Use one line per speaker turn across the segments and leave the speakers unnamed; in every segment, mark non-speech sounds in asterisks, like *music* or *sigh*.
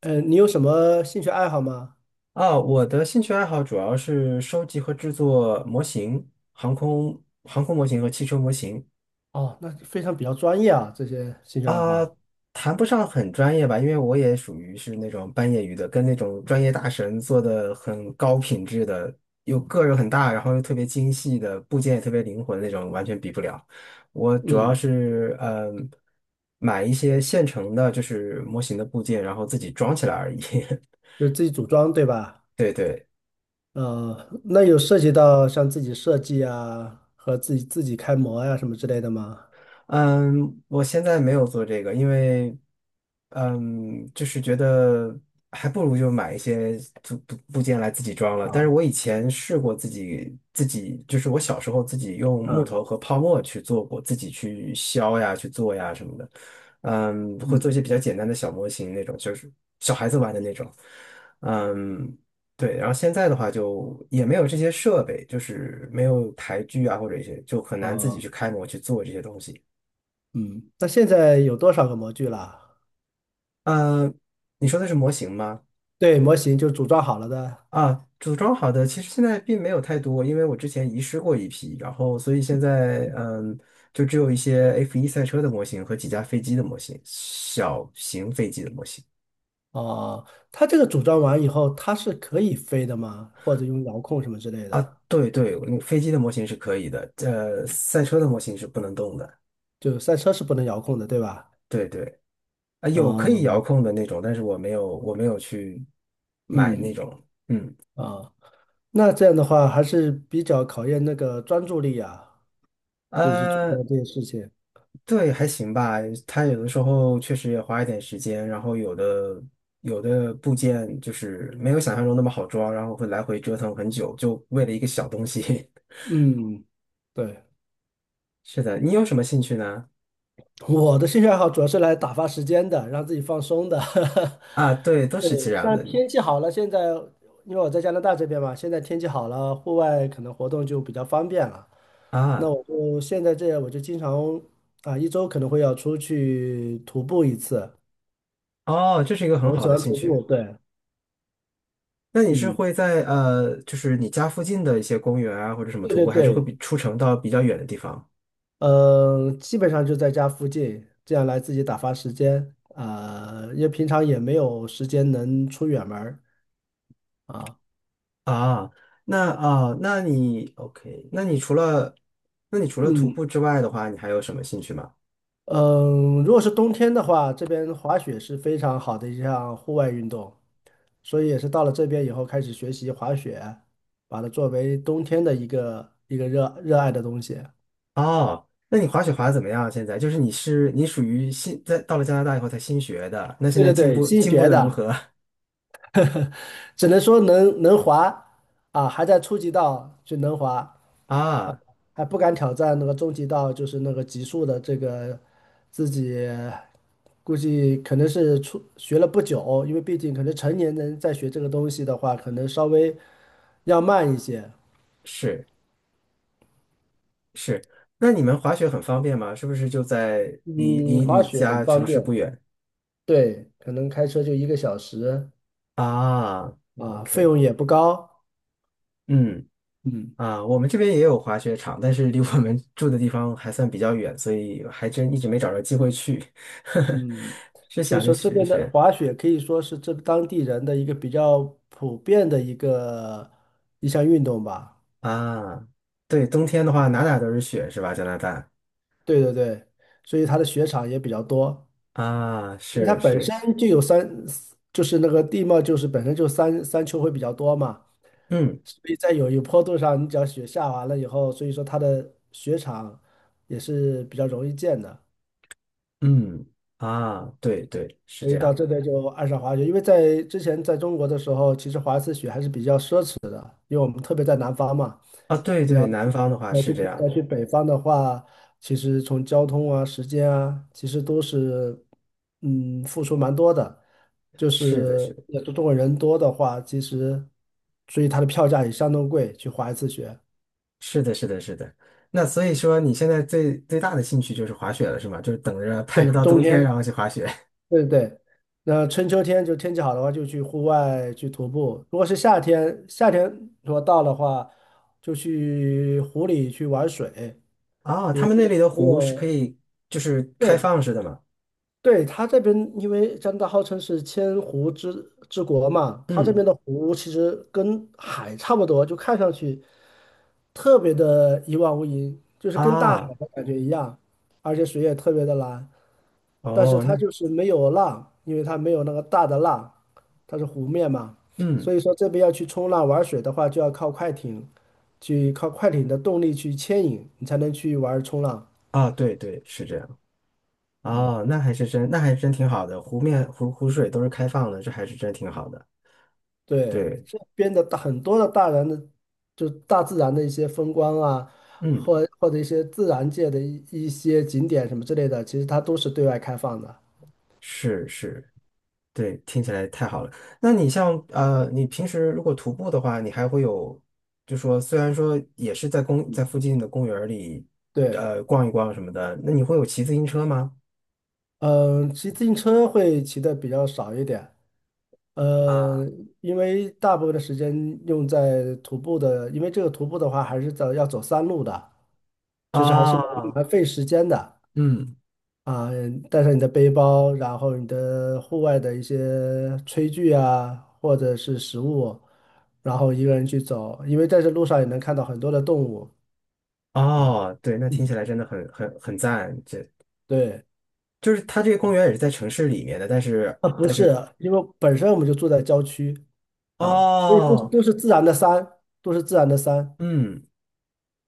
你有什么兴趣爱好吗？
啊，我的兴趣爱好主要是收集和制作模型，航空模型和汽车模型。
哦，那非常比较专业啊，这些兴趣爱
啊，
好。
谈不上很专业吧，因为我也属于是那种半业余的，跟那种专业大神做的很高品质的，又个儿很大，然后又特别精细的部件也特别灵活的那种，完全比不了。我主要
嗯，
是买一些现成的，就是模型的部件，然后自己装起来而已。
就自己组装，对吧？
*laughs* 对对。
呃，那有涉及到像自己设计啊，和自己开模呀、什么之类的吗？
嗯，我现在没有做这个，因为，就是觉得还不如就买一些组部件来自己装了。但是
啊，
我以前试过自己，就是我小时候自己用木
啊，
头和泡沫去做过，自己去削呀、去做呀什么的。会做
嗯，
一些比较简单的小模型那种，就是小孩子玩的那种。嗯，对。然后现在的话就也没有这些设备，就是没有台锯啊或者一些，就很难自己
哦，
去开模去做这些东西。
嗯，那现在有多少个模具了？
呃，你说的是模型吗？
对，模型就组装好了的。
啊，组装好的，其实现在并没有太多，因为我之前遗失过一批，然后所以现在就只有一些 F1赛车的模型和几架飞机的模型，小型飞机的模型。
哦，它这个组装完以后，它是可以飞的吗？或者用遥控什么之类的？
对对，飞机的模型是可以的，赛车的模型是不能动的。
就赛车是不能遥控的，对吧？
对对，啊，有可以遥
哦，
控的那种，但是我没有去买那
嗯，
种。嗯，
啊。那这样的话还是比较考验那个专注力啊，就去做到
呃。
这些事情。
对，还行吧。他有的时候确实也花一点时间，然后有的部件就是没有想象中那么好装，然后会来回折腾很久，就为了一个小东西。
嗯，对，
*laughs* 是的，你有什么兴趣呢？
我的兴趣爱好主要是来打发时间的，让自己放松的。
啊，对，都
*laughs*
是
对，
这样
像
的
天气好了，现在因为我在加拿大这边嘛，现在天气好了，户外可能活动就比较方便了。那
啊。
我就现在这样，我就经常啊，一周可能会要出去徒步一次。
哦，这是一个很
我
好
喜
的
欢
兴
徒
趣。
步，对，
那你是
嗯，
会在就是你家附近的一些公园啊，或者什么
对
徒
对
步，还是会比
对，
出城到比较远的地方
嗯，基本上就在家附近，这样来自己打发时间。啊、因为平常也没有时间能出远门儿啊。
啊？那啊，那你 OK？那你除了徒
嗯
步之外的话，你还有什么兴趣吗？
嗯，如果是冬天的话，这边滑雪是非常好的一项户外运动，所以也是到了这边以后开始学习滑雪，把它作为冬天的一个热爱的东西。
哦，那你滑雪滑的怎么样啊？现在就是你属于新在到了加拿大以后才新学的，那现
对
在
对
进
对，
步
新
进步
学
的如
的，
何？
只能说能滑啊，还在初级道就能滑。
*laughs* 啊？
还不敢挑战那个终极道，就是那个极速的这个自己，估计可能是初学了不久，因为毕竟可能成年人在学这个东西的话，可能稍微要慢一些。
是是，那你们滑雪很方便吗？是不是就在离
嗯，
离
滑
你
雪很
家
方
城市不
便，
远
对，可能开车就一个小时
啊
啊，费
？OK，
用也不高。
嗯
嗯
我们这边也有滑雪场，但是离我们 *laughs* 住的地方还算比较远，所以还真一直没找着机会去，
嗯，
*laughs* 是
所以
想着
说这
学一
边的
学
滑雪可以说是这当地人的一个比较普遍的一个一项运动吧。
啊。对，冬天的话哪哪都是雪是吧？加拿大。
对对对，所以它的雪场也比较多，
啊，
因为它
是
本
是，
身就有山，就是那个地貌就是本身就山丘会比较多嘛，
嗯
所以在有一坡度上，你只要雪下完了以后，所以说它的雪场也是比较容易建的。
嗯，啊，对对，是
所
这
以到
样
这
的，
边就爱上滑雪。因为在之前在中国的时候，其实滑一次雪还是比较奢侈的，因为我们特别在南方嘛，
啊，对
你要
对，南方的话是这样
要去
的，
北方的话，其实从交通啊、时间啊，其实都是付出蛮多的。就
是的，是
是
的，
也中国人多的话，其实所以它的票价也相当贵，去滑一次雪。
是的，是的，是的。那所以说，你现在最最大的兴趣就是滑雪了，是吗？就是等着盼
对，
着到
冬
冬天，然
天。
后去滑雪。
对对对，那春秋天就天气好的话，就去户外去徒步；如果是夏天，夏天如果到的话，就去湖里去玩水，
*laughs* 啊，
因
他
为
们
这
那
个
里的
没
湖是可
有。
以，就是开
对
放式的嘛。
对，它这边因为加拿大号称是千湖之国嘛，它这
嗯，
边的湖其实跟海差不多，就看上去特别的一望无垠，就是跟大海
啊，
的感觉一样，而且水也特别的蓝。但是
哦，
它
那，
就是没有浪，因为它没有那个大的浪，它是湖面嘛，
嗯，
所以说这边要去冲浪玩水的话，就要靠快艇，去靠快艇的动力去牵引，你才能去玩冲浪。
啊，对对，是这样。
嗯，
哦，那还真挺好的，湖面湖湖水都是开放的，这还是真挺好的。
对，
对，
这边的大很多的大人的，就大自然的一些风光啊，
嗯。
或或者一些自然界的一些景点什么之类的，其实它都是对外开放的。
是是，对，听起来太好了。那你像你平时如果徒步的话，你还会有，就说虽然说也是在附近的公园儿里，
对，
逛一逛什么的，那你会有骑自行车吗？
嗯，骑自行车会骑的比较少一点。
啊，
呃，因为大部分的时间用在徒步的，因为这个徒步的话还是走要走山路的，就是还是蛮
啊，
蛮费时间的
嗯，
啊。带上你的背包，然后你的户外的一些炊具啊，或者是食物，然后一个人去走，因为在这路上也能看到很多的动物啊。
哦，对，那听起来真的很很很赞。这
对，
就是它这个公园也是在城市里面的，但是
啊，不是，因为本身我们就住在郊区啊，所以都是
哦，
都是自然的山，都是自然的山
嗯，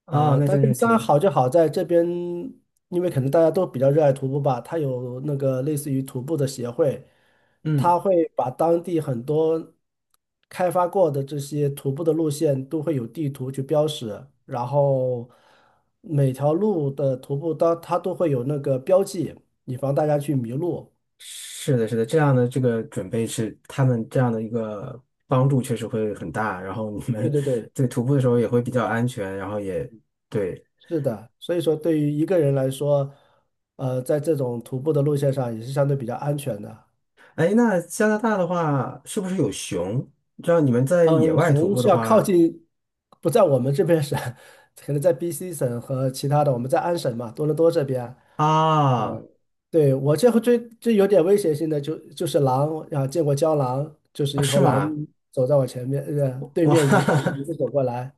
哦，
呃，
那
大
真
根
是
山
挺，
好就好在这边，因为可能大家都比较热爱徒步吧，它有那个类似于徒步的协会，
嗯。
它会把当地很多开发过的这些徒步的路线都会有地图去标识，然后每条路的徒步它都会有那个标记，以防大家去迷路。
是的，是的，这样的这个准备是他们这样的一个帮助确实会很大，然后你
对
们
对对，
对徒步的时候也会比较安全，然后也对。
是的，所以说对于一个人来说，呃，在这种徒步的路线上也是相对比较安全的。
哎，那加拿大的话是不是有熊？你知道你们在野
嗯，
外徒
熊
步的
是要靠
话。
近，不在我们这边省，*laughs* 可能在 BC 省和其他的，我们在安省嘛，多伦多这边。
啊
对，我这回最有点威胁性的就是狼啊，见过郊狼，就是
啊，
一
是
头狼
吗？
走在我前面，对
哇，
面迎着走过来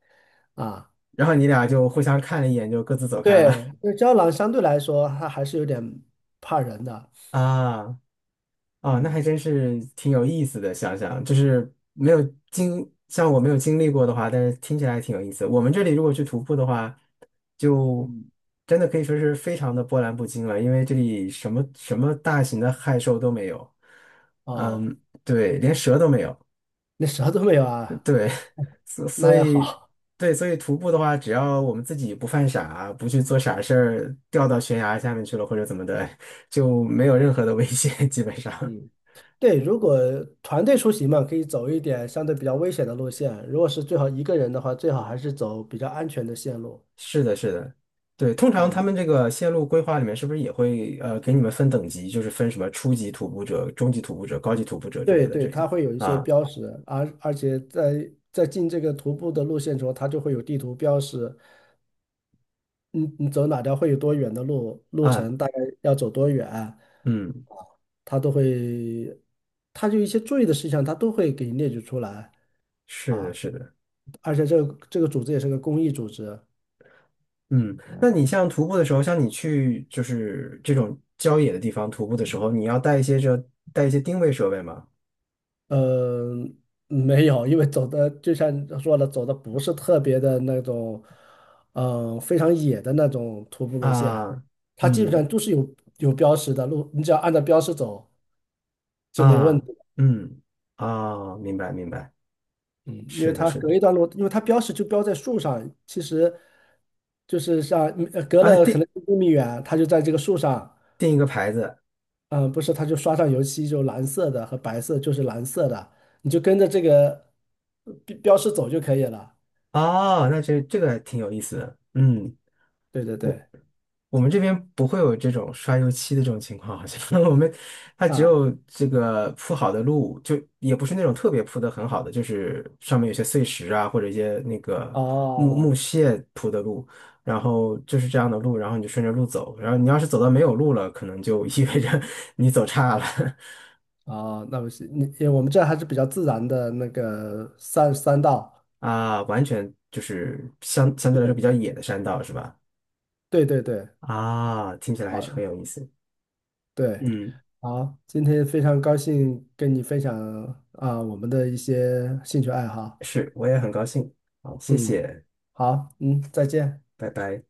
啊。
*laughs* 然后你俩就互相看了一眼，就各自走开了。
对，因为郊狼相对来说它还是有点怕人的，
*laughs* 啊。啊，那还
嗯，
真是挺有意思的。想想就是没有经，像我没有经历过的话，但是听起来还挺有意思。我们这里如果去徒步的话，就
嗯
真的可以说是非常的波澜不惊了，因为这里什么什么大型的害兽都没有，
哦，
嗯，对，连蛇都没有，
那蛇都没有啊，
对，*laughs* 所
那
所
还
以
好。
对，所以徒步的话，只要我们自己不犯傻，不去做傻事儿，掉到悬崖下面去了或者怎么的，就没有任何的危险，基本上。
嗯。对，如果团队出行嘛，可以走一点相对比较危险的路线；如果是最好一个人的话，最好还是走比较安全的线路。
是的，是的，对，通常他
嗯，
们这个线路规划里面是不是也会给你们分等级，就是分什么初级徒步者、中级徒步者、高级徒步者之
对
类的
对，
这种
它会有一些
啊？
标识，而且在进这个徒步的路线中，它就会有地图标识，你走哪条会有多远的路，路
啊，
程大概要走多远，
嗯，
它都会，它就一些注意的事项，它都会给你列举出来
是的，
啊。
是的，
而且这个组织也是个公益组织，
嗯，那你像徒步的时候，像你去就是这种郊野的地方徒步的时候，你要带一些定位设备吗？
嗯，没有，因为走的就像你说的，走的不是特别的那种，嗯，非常野的那种徒步路线，
啊，
它基本上
嗯
都是有有标识的路，你只要按照标识走就没问
啊
题。
嗯啊，明白明白，
嗯，因为
是的，
它
是
隔
的，
一段路，因为它标识就标在树上，其实就是像呃隔
啊，
了可
定
能1公里远，它就在这个树上，
定一个牌子。
嗯，不是，它就刷上油漆，就蓝色的和白色就是蓝色的，你就跟着这个标识走就可以了。
啊，那这个还挺有意思的，嗯。
对对
我
对。
我们这边不会有这种刷油漆的这种情况，好像 *laughs* 它只
啊，
有这个铺好的路，就也不是那种特别铺的很好的，就是上面有些碎石啊，或者一些那个木
哦，
木屑铺的路，然后就是这样的路，然后你就顺着路走，然后你要是走到没有路了，可能就 *laughs* 意味着 *laughs* 你走岔了。
哦，那不是你，因为我们这儿还是比较自然的那个三道，
*laughs* 啊，完全就是相对来说比较野的山道是吧？
对对对，
啊，听起来还是很
啊，
有意思，
对，
嗯，
好，今天非常高兴跟你分享啊我们的一些兴趣爱好，
是，我也很高兴，好，谢
嗯，
谢，
好，嗯，再见。
拜拜。